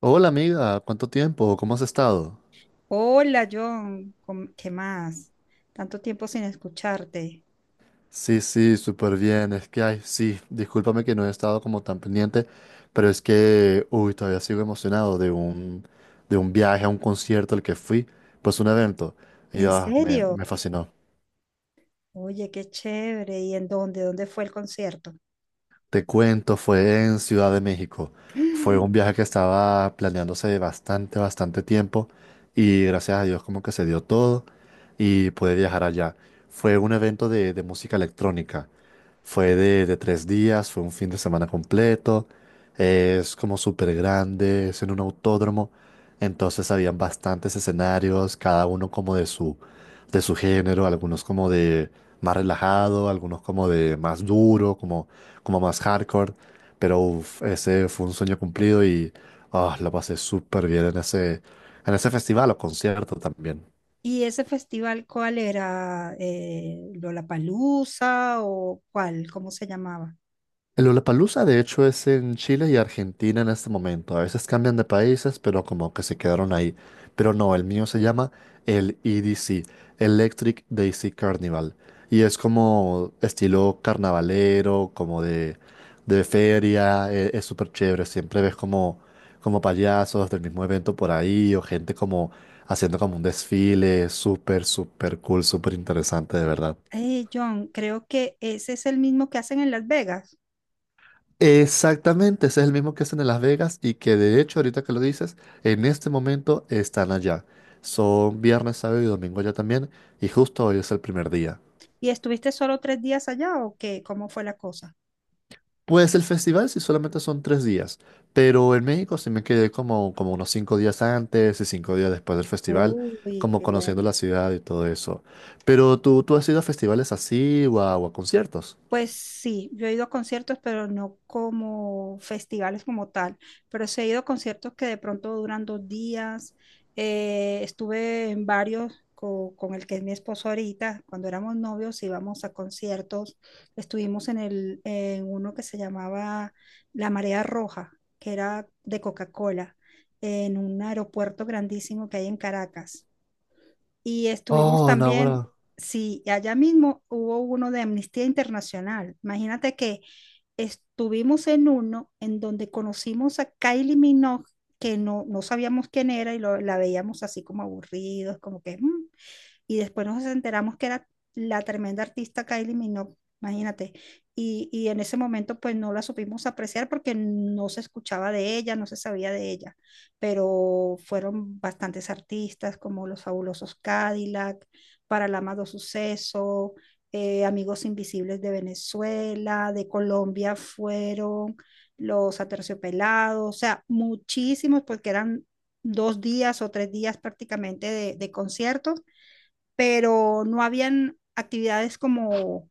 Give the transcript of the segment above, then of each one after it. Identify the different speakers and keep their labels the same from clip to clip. Speaker 1: Hola amiga, ¿cuánto tiempo? ¿Cómo has estado?
Speaker 2: Hola, John, ¿qué más? Tanto tiempo sin escucharte.
Speaker 1: Sí, sí, súper bien. Es que, ay, sí, discúlpame que no he estado como tan pendiente, pero es que, uy, todavía sigo emocionado de un viaje a un concierto al que fui, pues un evento. Y
Speaker 2: ¿En
Speaker 1: ah, me, me
Speaker 2: serio?
Speaker 1: fascinó.
Speaker 2: Oye, qué chévere. ¿Y en dónde? ¿Dónde fue el concierto?
Speaker 1: Te cuento, fue en Ciudad de México. Fue un viaje que estaba planeándose de bastante, bastante tiempo y gracias a Dios como que se dio todo y pude viajar allá. Fue un evento de música electrónica. Fue de 3 días, fue un fin de semana completo. Es como súper grande, es en un autódromo. Entonces habían bastantes escenarios, cada uno como de su género, algunos como de más relajado, algunos como de más duro, como más hardcore, pero uf, ese fue un sueño cumplido y la pasé súper bien en ese festival o concierto también.
Speaker 2: ¿Y ese festival cuál era? ¿Lollapalooza o cuál? ¿Cómo se llamaba?
Speaker 1: El Lollapalooza de hecho es en Chile y Argentina en este momento. A veces cambian de países, pero como que se quedaron ahí. Pero no, el mío se llama el EDC, Electric Daisy Carnival. Y es como estilo carnavalero, como de feria. Es súper chévere. Siempre ves como payasos del mismo evento por ahí o gente como haciendo como un desfile. Súper, súper cool, súper interesante, de verdad.
Speaker 2: John, creo que ese es el mismo que hacen en Las Vegas.
Speaker 1: Exactamente, ese es el mismo que hacen en Las Vegas y que de hecho ahorita que lo dices, en este momento están allá. Son viernes, sábado y domingo allá también y justo hoy es el primer día.
Speaker 2: ¿Y estuviste solo 3 días allá o qué? ¿Cómo fue la cosa?
Speaker 1: Pues el festival sí solamente son 3 días, pero en México sí me quedé como unos 5 días antes y 5 días después del festival,
Speaker 2: Uy,
Speaker 1: como
Speaker 2: qué
Speaker 1: conociendo
Speaker 2: bueno.
Speaker 1: la ciudad y todo eso. Pero tú has ido a festivales así o a conciertos.
Speaker 2: Pues sí, yo he ido a conciertos, pero no como festivales como tal, pero sí he ido a conciertos que de pronto duran 2 días. Estuve en varios el que es mi esposo ahorita, cuando éramos novios íbamos a conciertos. Estuvimos en uno que se llamaba La Marea Roja, que era de Coca-Cola, en un aeropuerto grandísimo que hay en Caracas. Y estuvimos
Speaker 1: Oh, no,
Speaker 2: también,
Speaker 1: ahora.
Speaker 2: sí, allá mismo hubo uno de Amnistía Internacional. Imagínate que estuvimos en uno en donde conocimos a Kylie Minogue, que no sabíamos quién era y la veíamos así como aburridos, como que "Mm", y después nos enteramos que era la tremenda artista Kylie Minogue, imagínate. Y en ese momento pues no la supimos apreciar porque no se escuchaba de ella, no se sabía de ella, pero fueron bastantes artistas como los fabulosos Cadillac, Paralamado Suceso, Amigos Invisibles de Venezuela, de Colombia fueron los aterciopelados, o sea, muchísimos porque eran 2 días o 3 días prácticamente de conciertos, pero no habían actividades como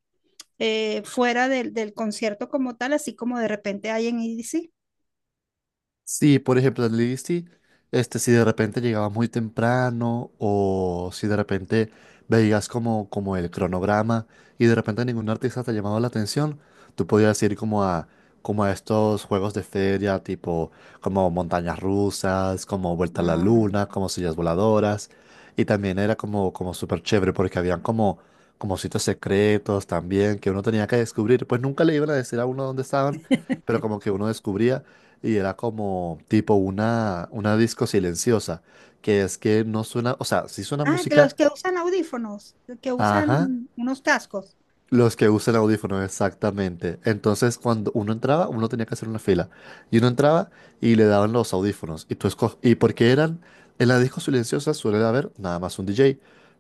Speaker 2: fuera del concierto como tal, así como de repente hay en EDC.
Speaker 1: Sí, por ejemplo, en Lizzy, si de repente llegabas muy temprano o si de repente veías como el cronograma y de repente ningún artista te llamaba la atención, tú podías ir como a estos juegos de feria, tipo como montañas rusas, como vuelta a la
Speaker 2: Ah,
Speaker 1: luna, como sillas voladoras. Y también era como súper chévere porque habían como sitios secretos también que uno tenía que descubrir. Pues nunca le iban a decir a uno dónde estaban, pero como que uno descubría. Y era como tipo una disco silenciosa, que es que no suena, o sea, sí suena
Speaker 2: ah, que
Speaker 1: música,
Speaker 2: los que usan audífonos, que
Speaker 1: ajá,
Speaker 2: usan unos cascos.
Speaker 1: los que usan audífonos, exactamente. Entonces, cuando uno entraba, uno tenía que hacer una fila. Y uno entraba y le daban los audífonos. Y porque eran. En la disco silenciosa suele haber nada más un DJ.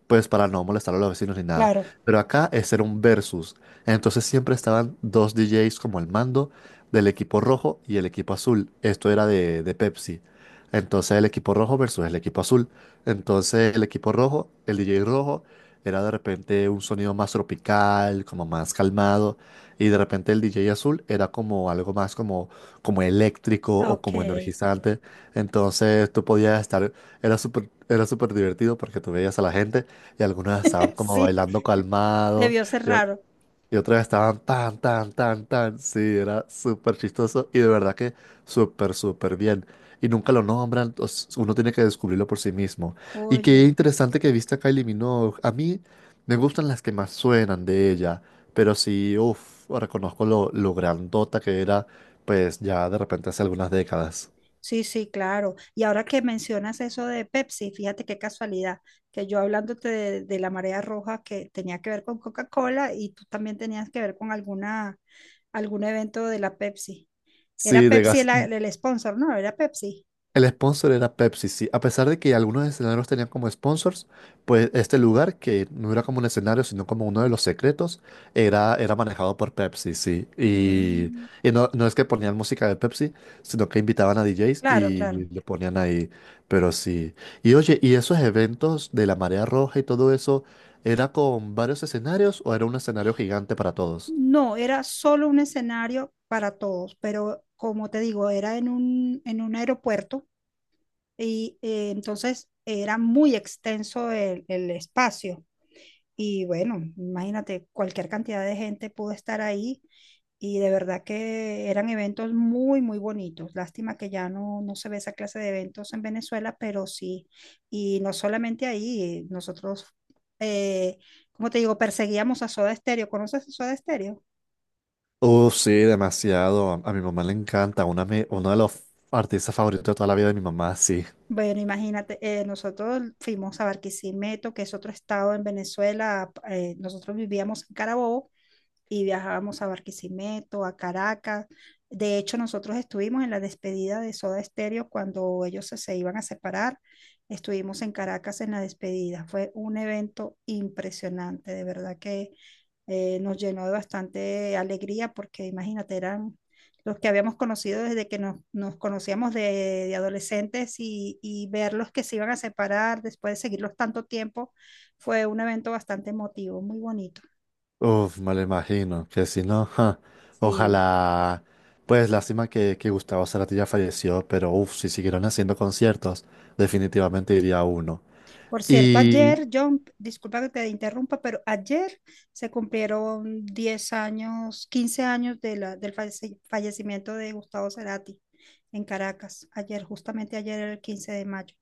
Speaker 1: Pues para no molestar a los vecinos ni nada.
Speaker 2: Claro.
Speaker 1: Pero acá es era un versus. Entonces siempre estaban dos DJs como el mando del equipo rojo y el equipo azul. Esto era de Pepsi. Entonces el equipo rojo versus el equipo azul. Entonces el equipo rojo, el DJ rojo era de repente un sonido más tropical, como más calmado, y de repente el DJ azul era como algo más como eléctrico o
Speaker 2: Ok,
Speaker 1: como energizante. Entonces tú podías estar, era súper divertido porque tú veías a la gente y algunos estaban como
Speaker 2: sí,
Speaker 1: bailando calmado,
Speaker 2: debió ser raro.
Speaker 1: y otra vez estaban tan, tan, tan, tan. Sí, era súper chistoso y de verdad que súper, súper bien. Y nunca lo nombran, uno tiene que descubrirlo por sí mismo. Y qué
Speaker 2: Oye,
Speaker 1: interesante que viste a Kylie Minogue. A mí me gustan las que más suenan de ella, pero sí, uff, reconozco lo grandota que era, pues ya de repente hace algunas décadas.
Speaker 2: sí, sí, claro. Y ahora que mencionas eso de Pepsi, fíjate qué casualidad, que yo hablándote de la marea roja que tenía que ver con Coca-Cola y tú también tenías que ver con algún evento de la Pepsi. Era
Speaker 1: Sí, de
Speaker 2: Pepsi el sponsor, ¿no? Era Pepsi.
Speaker 1: El sponsor era Pepsi, sí. A pesar de que algunos escenarios tenían como sponsors, pues este lugar, que no era como un escenario, sino como uno de los secretos, era manejado por Pepsi, sí. Y,
Speaker 2: Mm.
Speaker 1: y no es que ponían música de Pepsi, sino que invitaban a DJs
Speaker 2: Claro, claro.
Speaker 1: y le ponían ahí. Pero sí. Y oye, ¿y esos eventos de la marea roja y todo eso, era con varios escenarios o era un escenario gigante para todos?
Speaker 2: No, era solo un escenario para todos, pero como te digo, era en un aeropuerto y entonces era muy extenso el espacio. Y bueno, imagínate, cualquier cantidad de gente pudo estar ahí y de verdad que eran eventos muy, muy bonitos. Lástima que ya no se ve esa clase de eventos en Venezuela, pero sí. Y no solamente ahí, nosotros, eh, como te digo, perseguíamos a Soda Stereo. ¿Conoces a Soda Stereo?
Speaker 1: Sí, demasiado. A mi mamá le encanta. Uno de los artistas favoritos de toda la vida de mi mamá, sí.
Speaker 2: Bueno, imagínate, nosotros fuimos a Barquisimeto, que es otro estado en Venezuela. Nosotros vivíamos en Carabobo y viajábamos a Barquisimeto, a Caracas. De hecho, nosotros estuvimos en la despedida de Soda Stereo cuando ellos se iban a separar. Estuvimos en Caracas en la despedida. Fue un evento impresionante, de verdad que nos llenó de bastante alegría porque imagínate, eran los que habíamos conocido desde que nos conocíamos de adolescentes y verlos que se iban a separar después de seguirlos tanto tiempo, fue un evento bastante emotivo, muy bonito.
Speaker 1: Uf, me lo imagino, que si no, ja,
Speaker 2: Sí.
Speaker 1: ojalá, pues lástima que Gustavo Cerati ya falleció, pero uf, si siguieron haciendo conciertos, definitivamente iría a uno.
Speaker 2: Por cierto,
Speaker 1: Y,
Speaker 2: ayer, John, disculpa que te interrumpa, pero ayer se cumplieron 10 años, 15 años del fallecimiento de Gustavo Cerati en Caracas. Ayer, justamente ayer, el 15 de mayo.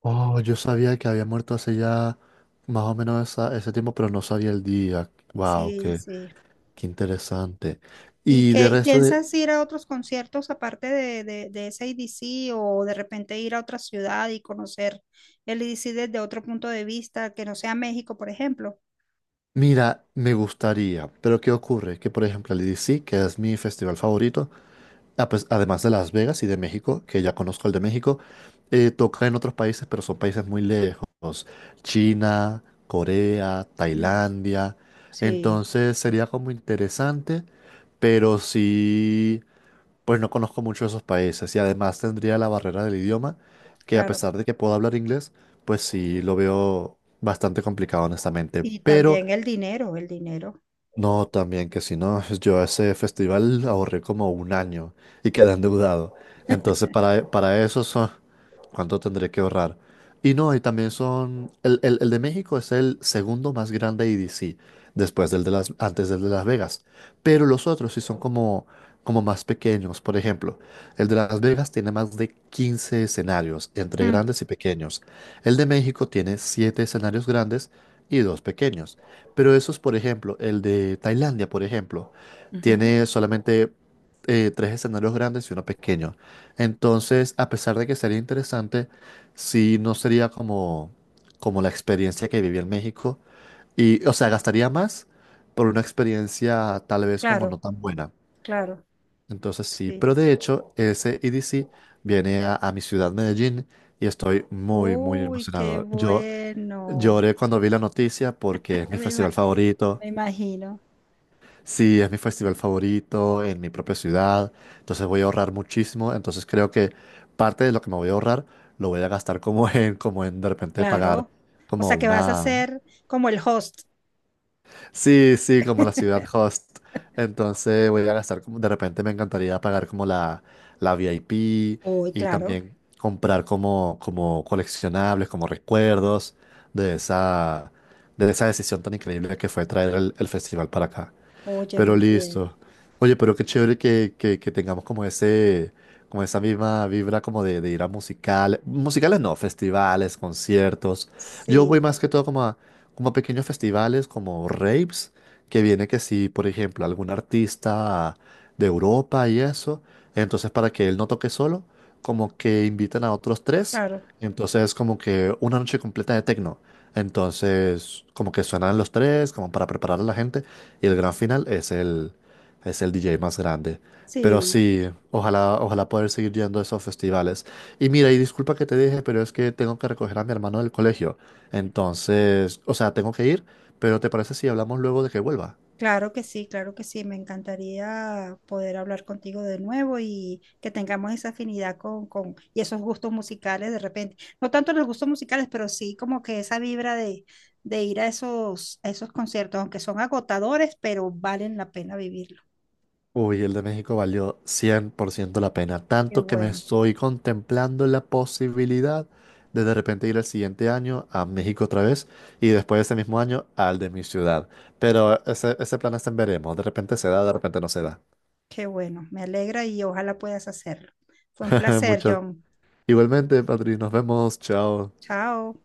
Speaker 1: oh, yo sabía que había muerto hace ya más o menos ese tiempo, pero no sabía el día. Wow,
Speaker 2: Sí,
Speaker 1: qué,
Speaker 2: sí.
Speaker 1: qué, interesante.
Speaker 2: ¿Y
Speaker 1: Y de
Speaker 2: qué
Speaker 1: resto de,
Speaker 2: piensas ir a otros conciertos aparte de ese IDC o de repente ir a otra ciudad y conocer el IDC desde otro punto de vista, que no sea México, por ejemplo?
Speaker 1: Mira, me gustaría, pero ¿qué ocurre? Que por ejemplo el EDC, que es mi festival favorito. Ah, pues, además de Las Vegas y de México, que ya conozco el de México, toca en otros países, pero son países muy lejos. China, Corea,
Speaker 2: Mm,
Speaker 1: Tailandia.
Speaker 2: sí,
Speaker 1: Entonces sería como interesante, pero sí, pues no conozco mucho esos países. Y además tendría la barrera del idioma, que a
Speaker 2: claro.
Speaker 1: pesar de que puedo hablar inglés, pues sí lo veo bastante complicado, honestamente.
Speaker 2: Y
Speaker 1: Pero
Speaker 2: también el dinero, el dinero.
Speaker 1: no, también que si no, pues, yo ese festival ahorré como un año y quedé endeudado. Entonces, para eso son, ¿cuánto tendré que ahorrar? Y no, y también son, el de México es el segundo más grande EDC, después antes del de Las Vegas. Pero los otros sí son como más pequeños. Por ejemplo, el de Las Vegas tiene más de 15 escenarios, entre grandes y pequeños. El de México tiene 7 escenarios grandes y dos pequeños. Pero esos, por ejemplo, el de Tailandia, por ejemplo,
Speaker 2: Ujú,
Speaker 1: tiene solamente tres escenarios grandes y uno pequeño. Entonces, a pesar de que sería interesante, sí no sería como la experiencia que viví en México. Y, o sea, gastaría más por una experiencia tal vez como
Speaker 2: claro,
Speaker 1: no tan buena.
Speaker 2: claro,
Speaker 1: Entonces, sí, pero
Speaker 2: sí.
Speaker 1: de hecho, ese E D C viene a mi ciudad, Medellín, y estoy muy, muy
Speaker 2: Uy, qué
Speaker 1: emocionado. Yo
Speaker 2: bueno.
Speaker 1: lloré cuando vi la noticia porque es mi
Speaker 2: Me, ima-
Speaker 1: festival favorito.
Speaker 2: me imagino,
Speaker 1: Sí, es mi festival favorito en mi propia ciudad, entonces voy a ahorrar muchísimo, entonces creo que parte de lo que me voy a ahorrar lo voy a gastar como en de repente pagar
Speaker 2: claro. O
Speaker 1: como
Speaker 2: sea que vas a
Speaker 1: una.
Speaker 2: ser como el host.
Speaker 1: Sí, sí, como la ciudad host, entonces voy a gastar como de repente me encantaría pagar como la VIP
Speaker 2: Uy,
Speaker 1: y
Speaker 2: claro.
Speaker 1: también comprar como coleccionables, como recuerdos de esa, de esa decisión tan increíble que fue traer el festival para acá.
Speaker 2: Oye,
Speaker 1: Pero
Speaker 2: muy bien.
Speaker 1: listo. Oye, pero qué chévere que tengamos como ese, como esa misma vibra como de ir a musicales. Musicales no, festivales, conciertos. Yo voy
Speaker 2: Sí,
Speaker 1: más que todo como a pequeños festivales, como raves, que viene que si, por ejemplo, algún artista de Europa y eso. Entonces, para que él no toque solo, como que invitan a otros tres.
Speaker 2: claro,
Speaker 1: Entonces, como que una noche completa de techno. Entonces, como que suenan los tres, como para preparar a la gente y el gran final es el DJ más grande. Pero
Speaker 2: sí.
Speaker 1: sí, ojalá, ojalá poder seguir yendo a esos festivales. Y mira, y disculpa que te dije, pero es que tengo que recoger a mi hermano del colegio. Entonces, o sea, tengo que ir, pero ¿te parece si hablamos luego de que vuelva?
Speaker 2: Claro que sí, claro que sí. Me encantaría poder hablar contigo de nuevo y que tengamos esa afinidad con y esos gustos musicales de repente. No tanto los gustos musicales, pero sí como que esa vibra de ir a esos conciertos, aunque son agotadores, pero valen la pena vivirlo.
Speaker 1: Uy, el de México valió 100% la pena,
Speaker 2: Qué
Speaker 1: tanto que me
Speaker 2: bueno,
Speaker 1: estoy contemplando la posibilidad de repente ir el siguiente año a México otra vez y después de ese mismo año al de mi ciudad. Pero ese plan está en veremos, de repente se da, de repente no se da.
Speaker 2: qué bueno. Me alegra y ojalá puedas hacerlo. Fue un placer,
Speaker 1: Muchas.
Speaker 2: John.
Speaker 1: Igualmente, Patri, nos vemos, chao.
Speaker 2: Chao.